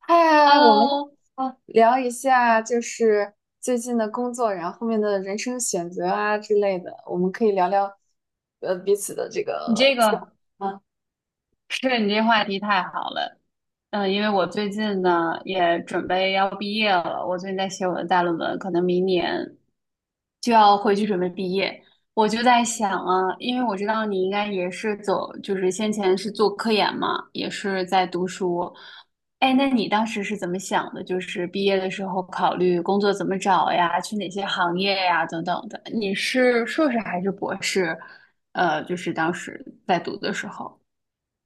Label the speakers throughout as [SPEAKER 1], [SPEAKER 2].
[SPEAKER 1] 嗨，我们
[SPEAKER 2] Hello，
[SPEAKER 1] 聊一下，最近的工作，然后后面的人生选择啊之类的，我们可以聊聊彼此的这
[SPEAKER 2] 你这
[SPEAKER 1] 个想
[SPEAKER 2] 个
[SPEAKER 1] 法。
[SPEAKER 2] 是你这话题太好了。嗯，因为我最近呢也准备要毕业了，我最近在写我的大论文，可能明年。就要回去准备毕业。我就在想啊，因为我知道你应该也是走，就是先前是做科研嘛，也是在读书。哎，那你当时是怎么想的？就是毕业的时候考虑工作怎么找呀，去哪些行业呀，等等的。你是硕士还是博士？就是当时在读的时候。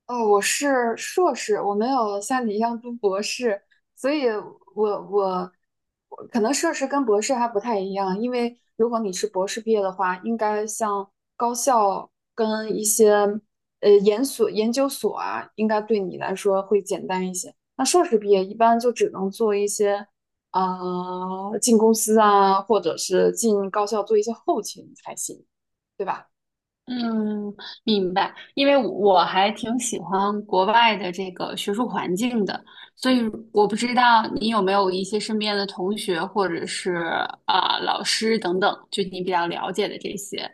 [SPEAKER 1] 哦，我是硕士，我没有像你一样读博士，所以我我我可能硕士跟博士还不太一样，因为如果你是博士毕业的话，应该像高校跟一些研所、研究所啊，应该对你来说会简单一些。那硕士毕业一般就只能做一些啊、进公司啊，或者是进高校做一些后勤才行，对吧？
[SPEAKER 2] 嗯，明白。因为我还挺喜欢国外的这个学术环境的，所以我不知道你有没有一些身边的同学或者是老师等等，就你比较了解的这些，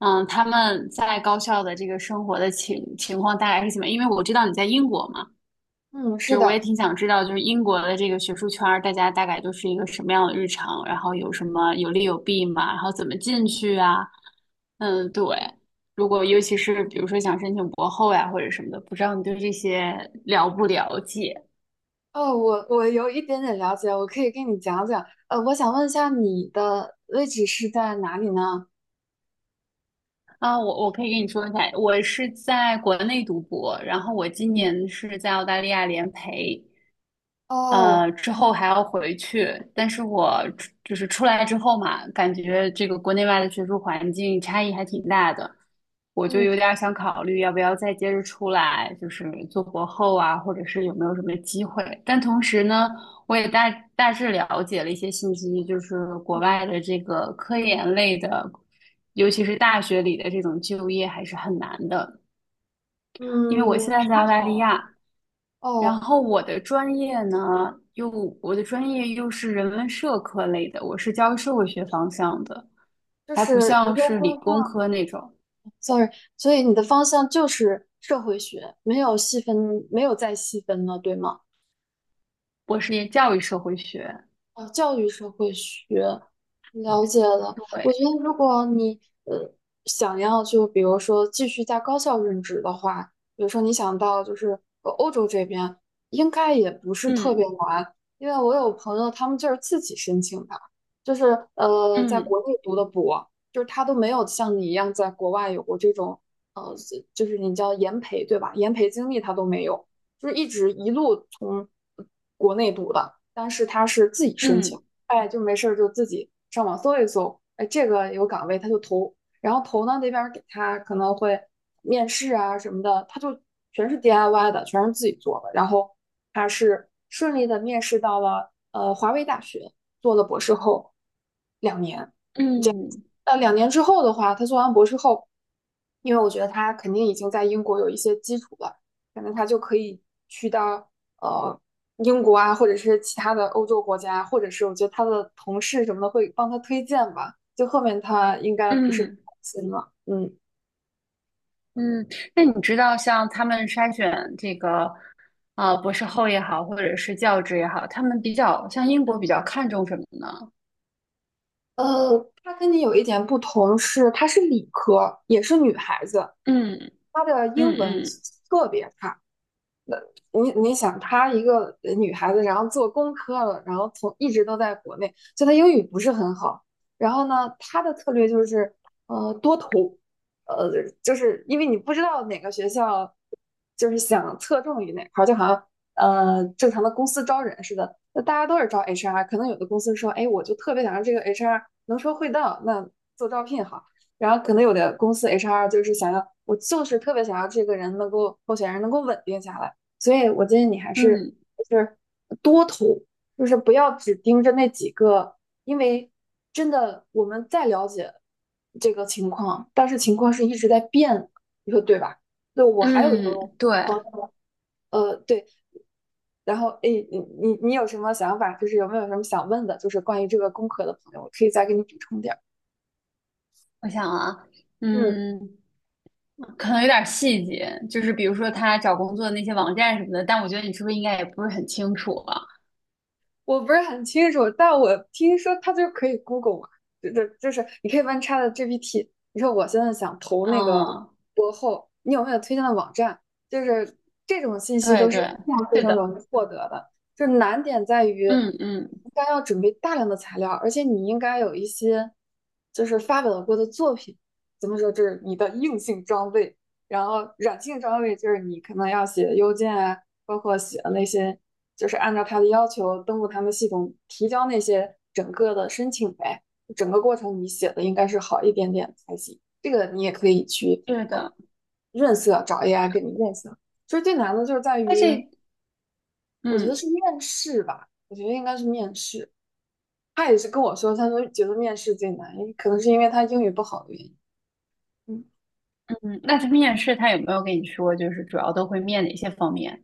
[SPEAKER 2] 嗯，他们在高校的这个生活的情况大概是怎么样。因为我知道你在英国嘛，
[SPEAKER 1] 嗯，是
[SPEAKER 2] 就我也
[SPEAKER 1] 的。
[SPEAKER 2] 挺想知道，就是英国的这个学术圈儿，大家大概都是一个什么样的日常，然后有什么有利有弊嘛，然后怎么进去啊？嗯，对。如果尤其是比如说想申请博后呀或者什么的，不知道你对这些了不了解
[SPEAKER 1] 哦，我有一点点了解，我可以跟你讲讲。呃，我想问一下你的位置是在哪里呢？
[SPEAKER 2] 啊？我可以跟你说一下，我是在国内读博，然后我今年是在澳大利亚联培，
[SPEAKER 1] 哦，
[SPEAKER 2] 之后还要回去，但是就是出来之后嘛，感觉这个国内外的学术环境差异还挺大的，我就
[SPEAKER 1] 嗯
[SPEAKER 2] 有点儿想考虑要不要再接着出来，就是做博后啊，或者是有没有什么机会。但同时呢，我也大致了解了一些信息，就是国外的这个科研类的，尤其是大学里的这种就业还是很难的，因为我
[SPEAKER 1] 嗯，
[SPEAKER 2] 现在在
[SPEAKER 1] 还
[SPEAKER 2] 澳大利亚。
[SPEAKER 1] 好。
[SPEAKER 2] 然
[SPEAKER 1] 哦，
[SPEAKER 2] 后我的专业呢，又我的专业又是人文社科类的，我是教育社会学方向的，
[SPEAKER 1] 就
[SPEAKER 2] 还
[SPEAKER 1] 是
[SPEAKER 2] 不
[SPEAKER 1] 研
[SPEAKER 2] 像
[SPEAKER 1] 究
[SPEAKER 2] 是
[SPEAKER 1] 方
[SPEAKER 2] 理工
[SPEAKER 1] 向
[SPEAKER 2] 科那种，
[SPEAKER 1] ，sorry，所以你的方向就是社会学，没有细分，没有再细分了，对吗？
[SPEAKER 2] 我是教育社会学。
[SPEAKER 1] 呃教育社会学，了解了。我
[SPEAKER 2] 对，
[SPEAKER 1] 觉得如果你呃想要就比如说继续在高校任职的话，比如说你想到就是呃欧洲这边，应该也不是特别
[SPEAKER 2] 嗯
[SPEAKER 1] 难，因为我有朋友他们就是自己申请的，就是呃在
[SPEAKER 2] 嗯
[SPEAKER 1] 国内读的博，就是他都没有像你一样在国外有过这种呃就是你叫研培对吧？研培经历他都没有，就是一直一路从国内读的。但是他是自己申请，
[SPEAKER 2] 嗯
[SPEAKER 1] 哎，就没事儿就自己上网搜一搜，哎，这个有岗位他就投，然后投呢那边给他可能会面试啊什么的，他就全是 DIY 的，全是自己做的，然后他是顺利的面试到了呃华为大学，做了博士后两年。
[SPEAKER 2] 嗯
[SPEAKER 1] 呃，两年之后的话，他做完博士后，因为我觉得他肯定已经在英国有一些基础了，可能他就可以去到呃英国啊，或者是其他的欧洲国家，或者是我觉得他的同事什么的会帮他推荐吧。就后面他应该不是很
[SPEAKER 2] 嗯
[SPEAKER 1] 担心了，嗯。
[SPEAKER 2] 嗯。那你知道，像他们筛选这个博士后也好，或者是教职也好，他们比较像英国比较看重什么呢？
[SPEAKER 1] 呃，她跟你有一点不同是，她是理科，也是女孩子，
[SPEAKER 2] 嗯
[SPEAKER 1] 她的英
[SPEAKER 2] 嗯
[SPEAKER 1] 文
[SPEAKER 2] 嗯
[SPEAKER 1] 特别差，你想，她一个呃女孩子，然后做工科了，然后从一直都在国内，就她英语不是很好。然后呢，她的策略就是多投，呃就是因为你不知道哪个学校就是想侧重于哪块儿，就好像正常的公司招人似的，那大家都是招 HR，可能有的公司说，哎，我就特别想让这个 HR 能说会道，那做招聘好。然后可能有的公司 HR 就是想要，我就是特别想要这个人能够候选人能够稳定下来，所以我建议你还是
[SPEAKER 2] 嗯
[SPEAKER 1] 就是多投，就是不要只盯着那几个，因为真的我们再了解这个情况，但是情况是一直在变的，你说对吧？对，我还有一个
[SPEAKER 2] 嗯，对，
[SPEAKER 1] 朋友，呃，对，然后诶，你有什么想法？就是有没有什么想问的？就是关于这个工科的朋友，我可以再给你补充点儿。
[SPEAKER 2] 我想啊，
[SPEAKER 1] 嗯，
[SPEAKER 2] 嗯。可能有点细节，就是比如说他找工作的那些网站什么的，但我觉得你是不是应该也不是很清楚啊？
[SPEAKER 1] 我不是很清楚，但我听说它就可以 Google 嘛，就是你可以问 ChatGPT，你说我现在想投那个
[SPEAKER 2] 嗯，
[SPEAKER 1] 你有没有推荐的网站？就是这种信息
[SPEAKER 2] 对
[SPEAKER 1] 都是
[SPEAKER 2] 对，
[SPEAKER 1] 非常非
[SPEAKER 2] 是
[SPEAKER 1] 常
[SPEAKER 2] 的，
[SPEAKER 1] 容易获得的，就是难点在于，
[SPEAKER 2] 嗯嗯，
[SPEAKER 1] 应该要准备大量的材料，而且你应该有一些就是发表过的作品。怎么说？就是你的硬性装备，然后软性装备就是你可能要写邮件啊，包括写的那些就是按照他的要求登录他们系统提交那些整个的申请呗。整个过程你写的应该是好一点点才行。这个你也可以去
[SPEAKER 2] 是的，
[SPEAKER 1] 润色，找 AI 给你润色。其实最难的就是在
[SPEAKER 2] 而
[SPEAKER 1] 于，
[SPEAKER 2] 且，
[SPEAKER 1] 我觉得
[SPEAKER 2] 嗯
[SPEAKER 1] 是面试吧，我觉得应该是面试。他也是跟我说，他说觉得面试最难，可能是因为他英语不好的原因。嗯
[SPEAKER 2] 嗯，那他面试他有没有跟你说，就是主要都会面哪些方面？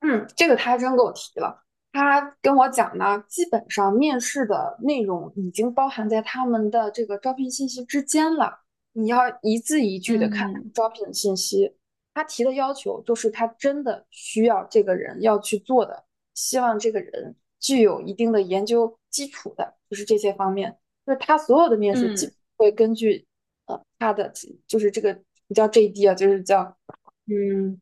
[SPEAKER 1] 嗯，这个他还真给我提了。他跟我讲呢，基本上面试的内容已经包含在他们的这个招聘信息之间了。你要一字一句的看招聘信息。他提的要求就是他真的需要这个人要去做的，希望这个人具有一定的研究基础的，就是这些方面。就是他所有的面试基本
[SPEAKER 2] 嗯
[SPEAKER 1] 会根据他的就是这个不叫 JD 啊，就是叫嗯，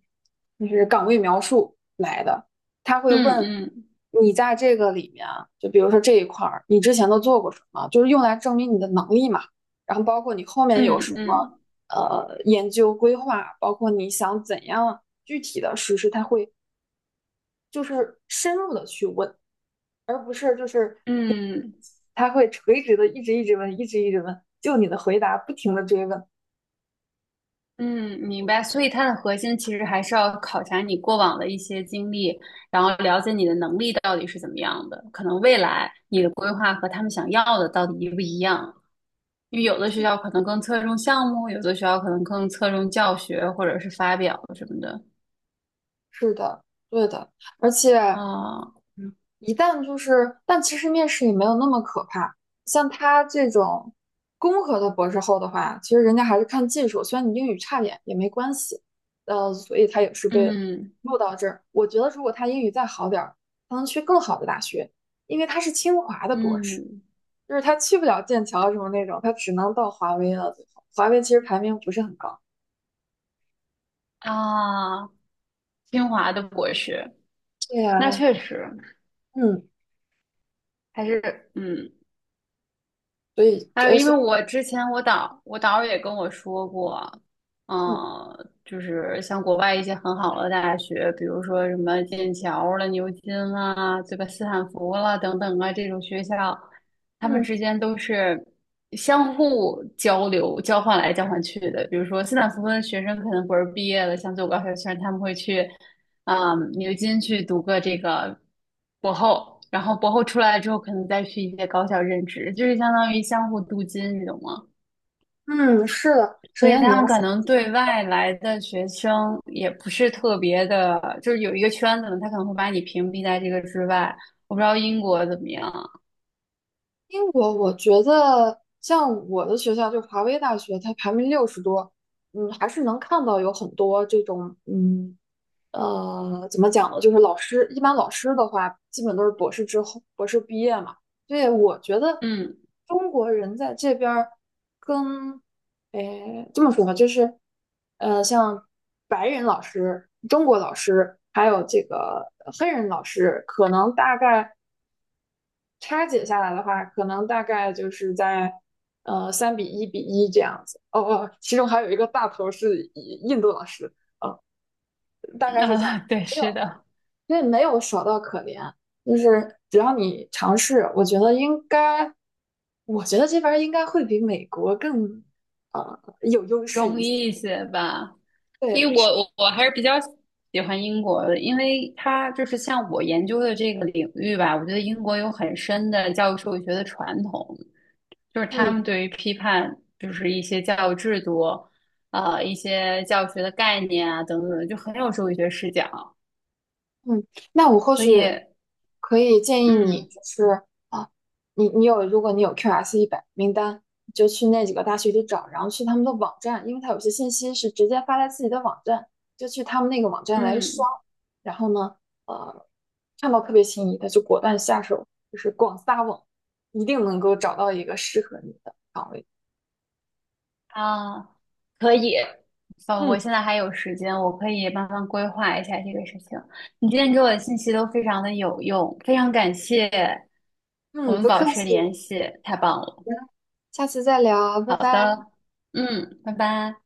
[SPEAKER 1] 岗位描述来的。他会
[SPEAKER 2] 嗯
[SPEAKER 1] 问
[SPEAKER 2] 嗯
[SPEAKER 1] 你在这个里面啊，就比如说这一块儿，你之前都做过什么，就是用来证明你的能力嘛。然后包括你后面
[SPEAKER 2] 嗯
[SPEAKER 1] 有
[SPEAKER 2] 嗯
[SPEAKER 1] 什
[SPEAKER 2] 嗯
[SPEAKER 1] 么
[SPEAKER 2] 嗯。
[SPEAKER 1] 研究规划，包括你想怎样具体的实施，他会就是深入的去问，而不是
[SPEAKER 2] 嗯
[SPEAKER 1] 他会垂直的一直问，一直问，就你的回答不停的追问。
[SPEAKER 2] 嗯，明白。所以它的核心其实还是要考察你过往的一些经历，然后了解你的能力到底是怎么样的，可能未来你的规划和他们想要的到底一不一样。因为有的学校可能更侧重项目，有的学校可能更侧重教学或者是发表什么的。
[SPEAKER 1] 是的，对的，而且，
[SPEAKER 2] 啊，
[SPEAKER 1] 一旦就是，但其实面试也没有那么可怕。像他这种工科的博士后的话，其实人家还是看技术，虽然你英语差点也没关系，呃，所以他也是被
[SPEAKER 2] 嗯
[SPEAKER 1] 录到这儿。我觉得如果他英语再好点儿，他能去更好的大学，因为他是清华的博士，
[SPEAKER 2] 嗯
[SPEAKER 1] 就是他去不了剑桥啊什么那种，他只能到华为了。最后，华为其实排名不是很高。
[SPEAKER 2] 啊，清华的博士，
[SPEAKER 1] 对
[SPEAKER 2] 那
[SPEAKER 1] 呀，
[SPEAKER 2] 确实
[SPEAKER 1] 嗯，
[SPEAKER 2] 还是嗯。
[SPEAKER 1] 所以
[SPEAKER 2] 还有，因为我之前我导也跟我说过，
[SPEAKER 1] 嗯
[SPEAKER 2] 嗯，就是像国外一些很好的大学，比如说什么剑桥了、牛津啦，这个斯坦福啦等等啊，这种学校，他们
[SPEAKER 1] 嗯
[SPEAKER 2] 之间都是相互交流、交换来交换去的。比如说斯坦福的学生可能不是毕业了，想走高校圈，他们会去。嗯，牛津去读个这个博后，然后博后出来之后，可能再去一些高校任职，就是相当于相互镀金，你懂吗？
[SPEAKER 1] 嗯，是的，首
[SPEAKER 2] 所以
[SPEAKER 1] 先你
[SPEAKER 2] 他
[SPEAKER 1] 要。
[SPEAKER 2] 们可能对外来的学生也不是特别的，就是有一个圈子嘛，他可能会把你屏蔽在这个之外。我不知道英国怎么样，
[SPEAKER 1] 英国，我觉得像我的学校，就华威大学，它排名60多，嗯，还是能看到有很多这种，嗯，呃，怎么讲呢？就是老师，一般老师的话，基本都是博士之后，博士毕业嘛。所以我觉得
[SPEAKER 2] 嗯，
[SPEAKER 1] 中国人在这边儿跟，诶，这么说吧，就是，呃，像白人老师、中国老师，还有这个黑人老师，可能大概。拆解下来的话，可能大概就是在3:1:1这样子。哦哦，其中还有一个大头是印度老师，大 概是这样。
[SPEAKER 2] 啊，对，
[SPEAKER 1] 没有，
[SPEAKER 2] 是的，
[SPEAKER 1] 因为没有少到可怜，就是只要你尝试，我觉得应该，我觉得这边儿应该会比美国更有优势
[SPEAKER 2] 中
[SPEAKER 1] 一些。
[SPEAKER 2] 医一些吧。因
[SPEAKER 1] 对，
[SPEAKER 2] 为我
[SPEAKER 1] 是
[SPEAKER 2] 我我还是比较喜欢英国的，因为它就是像我研究的这个领域吧，我觉得英国有很深的教育社会学的传统，就是他们
[SPEAKER 1] 嗯。
[SPEAKER 2] 对于批判就是一些教育制度，一些教育学的概念啊等等的就很有社会学视角，
[SPEAKER 1] 嗯，那我或
[SPEAKER 2] 所
[SPEAKER 1] 许
[SPEAKER 2] 以
[SPEAKER 1] 可以建议你，
[SPEAKER 2] 嗯
[SPEAKER 1] 就是啊，你有，如果你有 QS 100名单，就去那几个大学里找，然后去他们的网站，因为它有些信息是直接发在自己的网站，就去他们那个网站来刷，
[SPEAKER 2] 嗯
[SPEAKER 1] 然后呢，呃，看到特别心仪的就果断下手，就是广撒网，一定能够找到一个适合你的岗位。
[SPEAKER 2] 啊。可以，哦，
[SPEAKER 1] 嗯
[SPEAKER 2] 我现在还有时间，我可以慢慢规划一下这个事情。你今天给我的信息都非常的有用，非常感谢，我
[SPEAKER 1] 嗯，
[SPEAKER 2] 们
[SPEAKER 1] 不客
[SPEAKER 2] 保持
[SPEAKER 1] 气，
[SPEAKER 2] 联系，太棒了。
[SPEAKER 1] 嗯下次再聊，拜
[SPEAKER 2] 好
[SPEAKER 1] 拜。
[SPEAKER 2] 的，嗯，拜拜。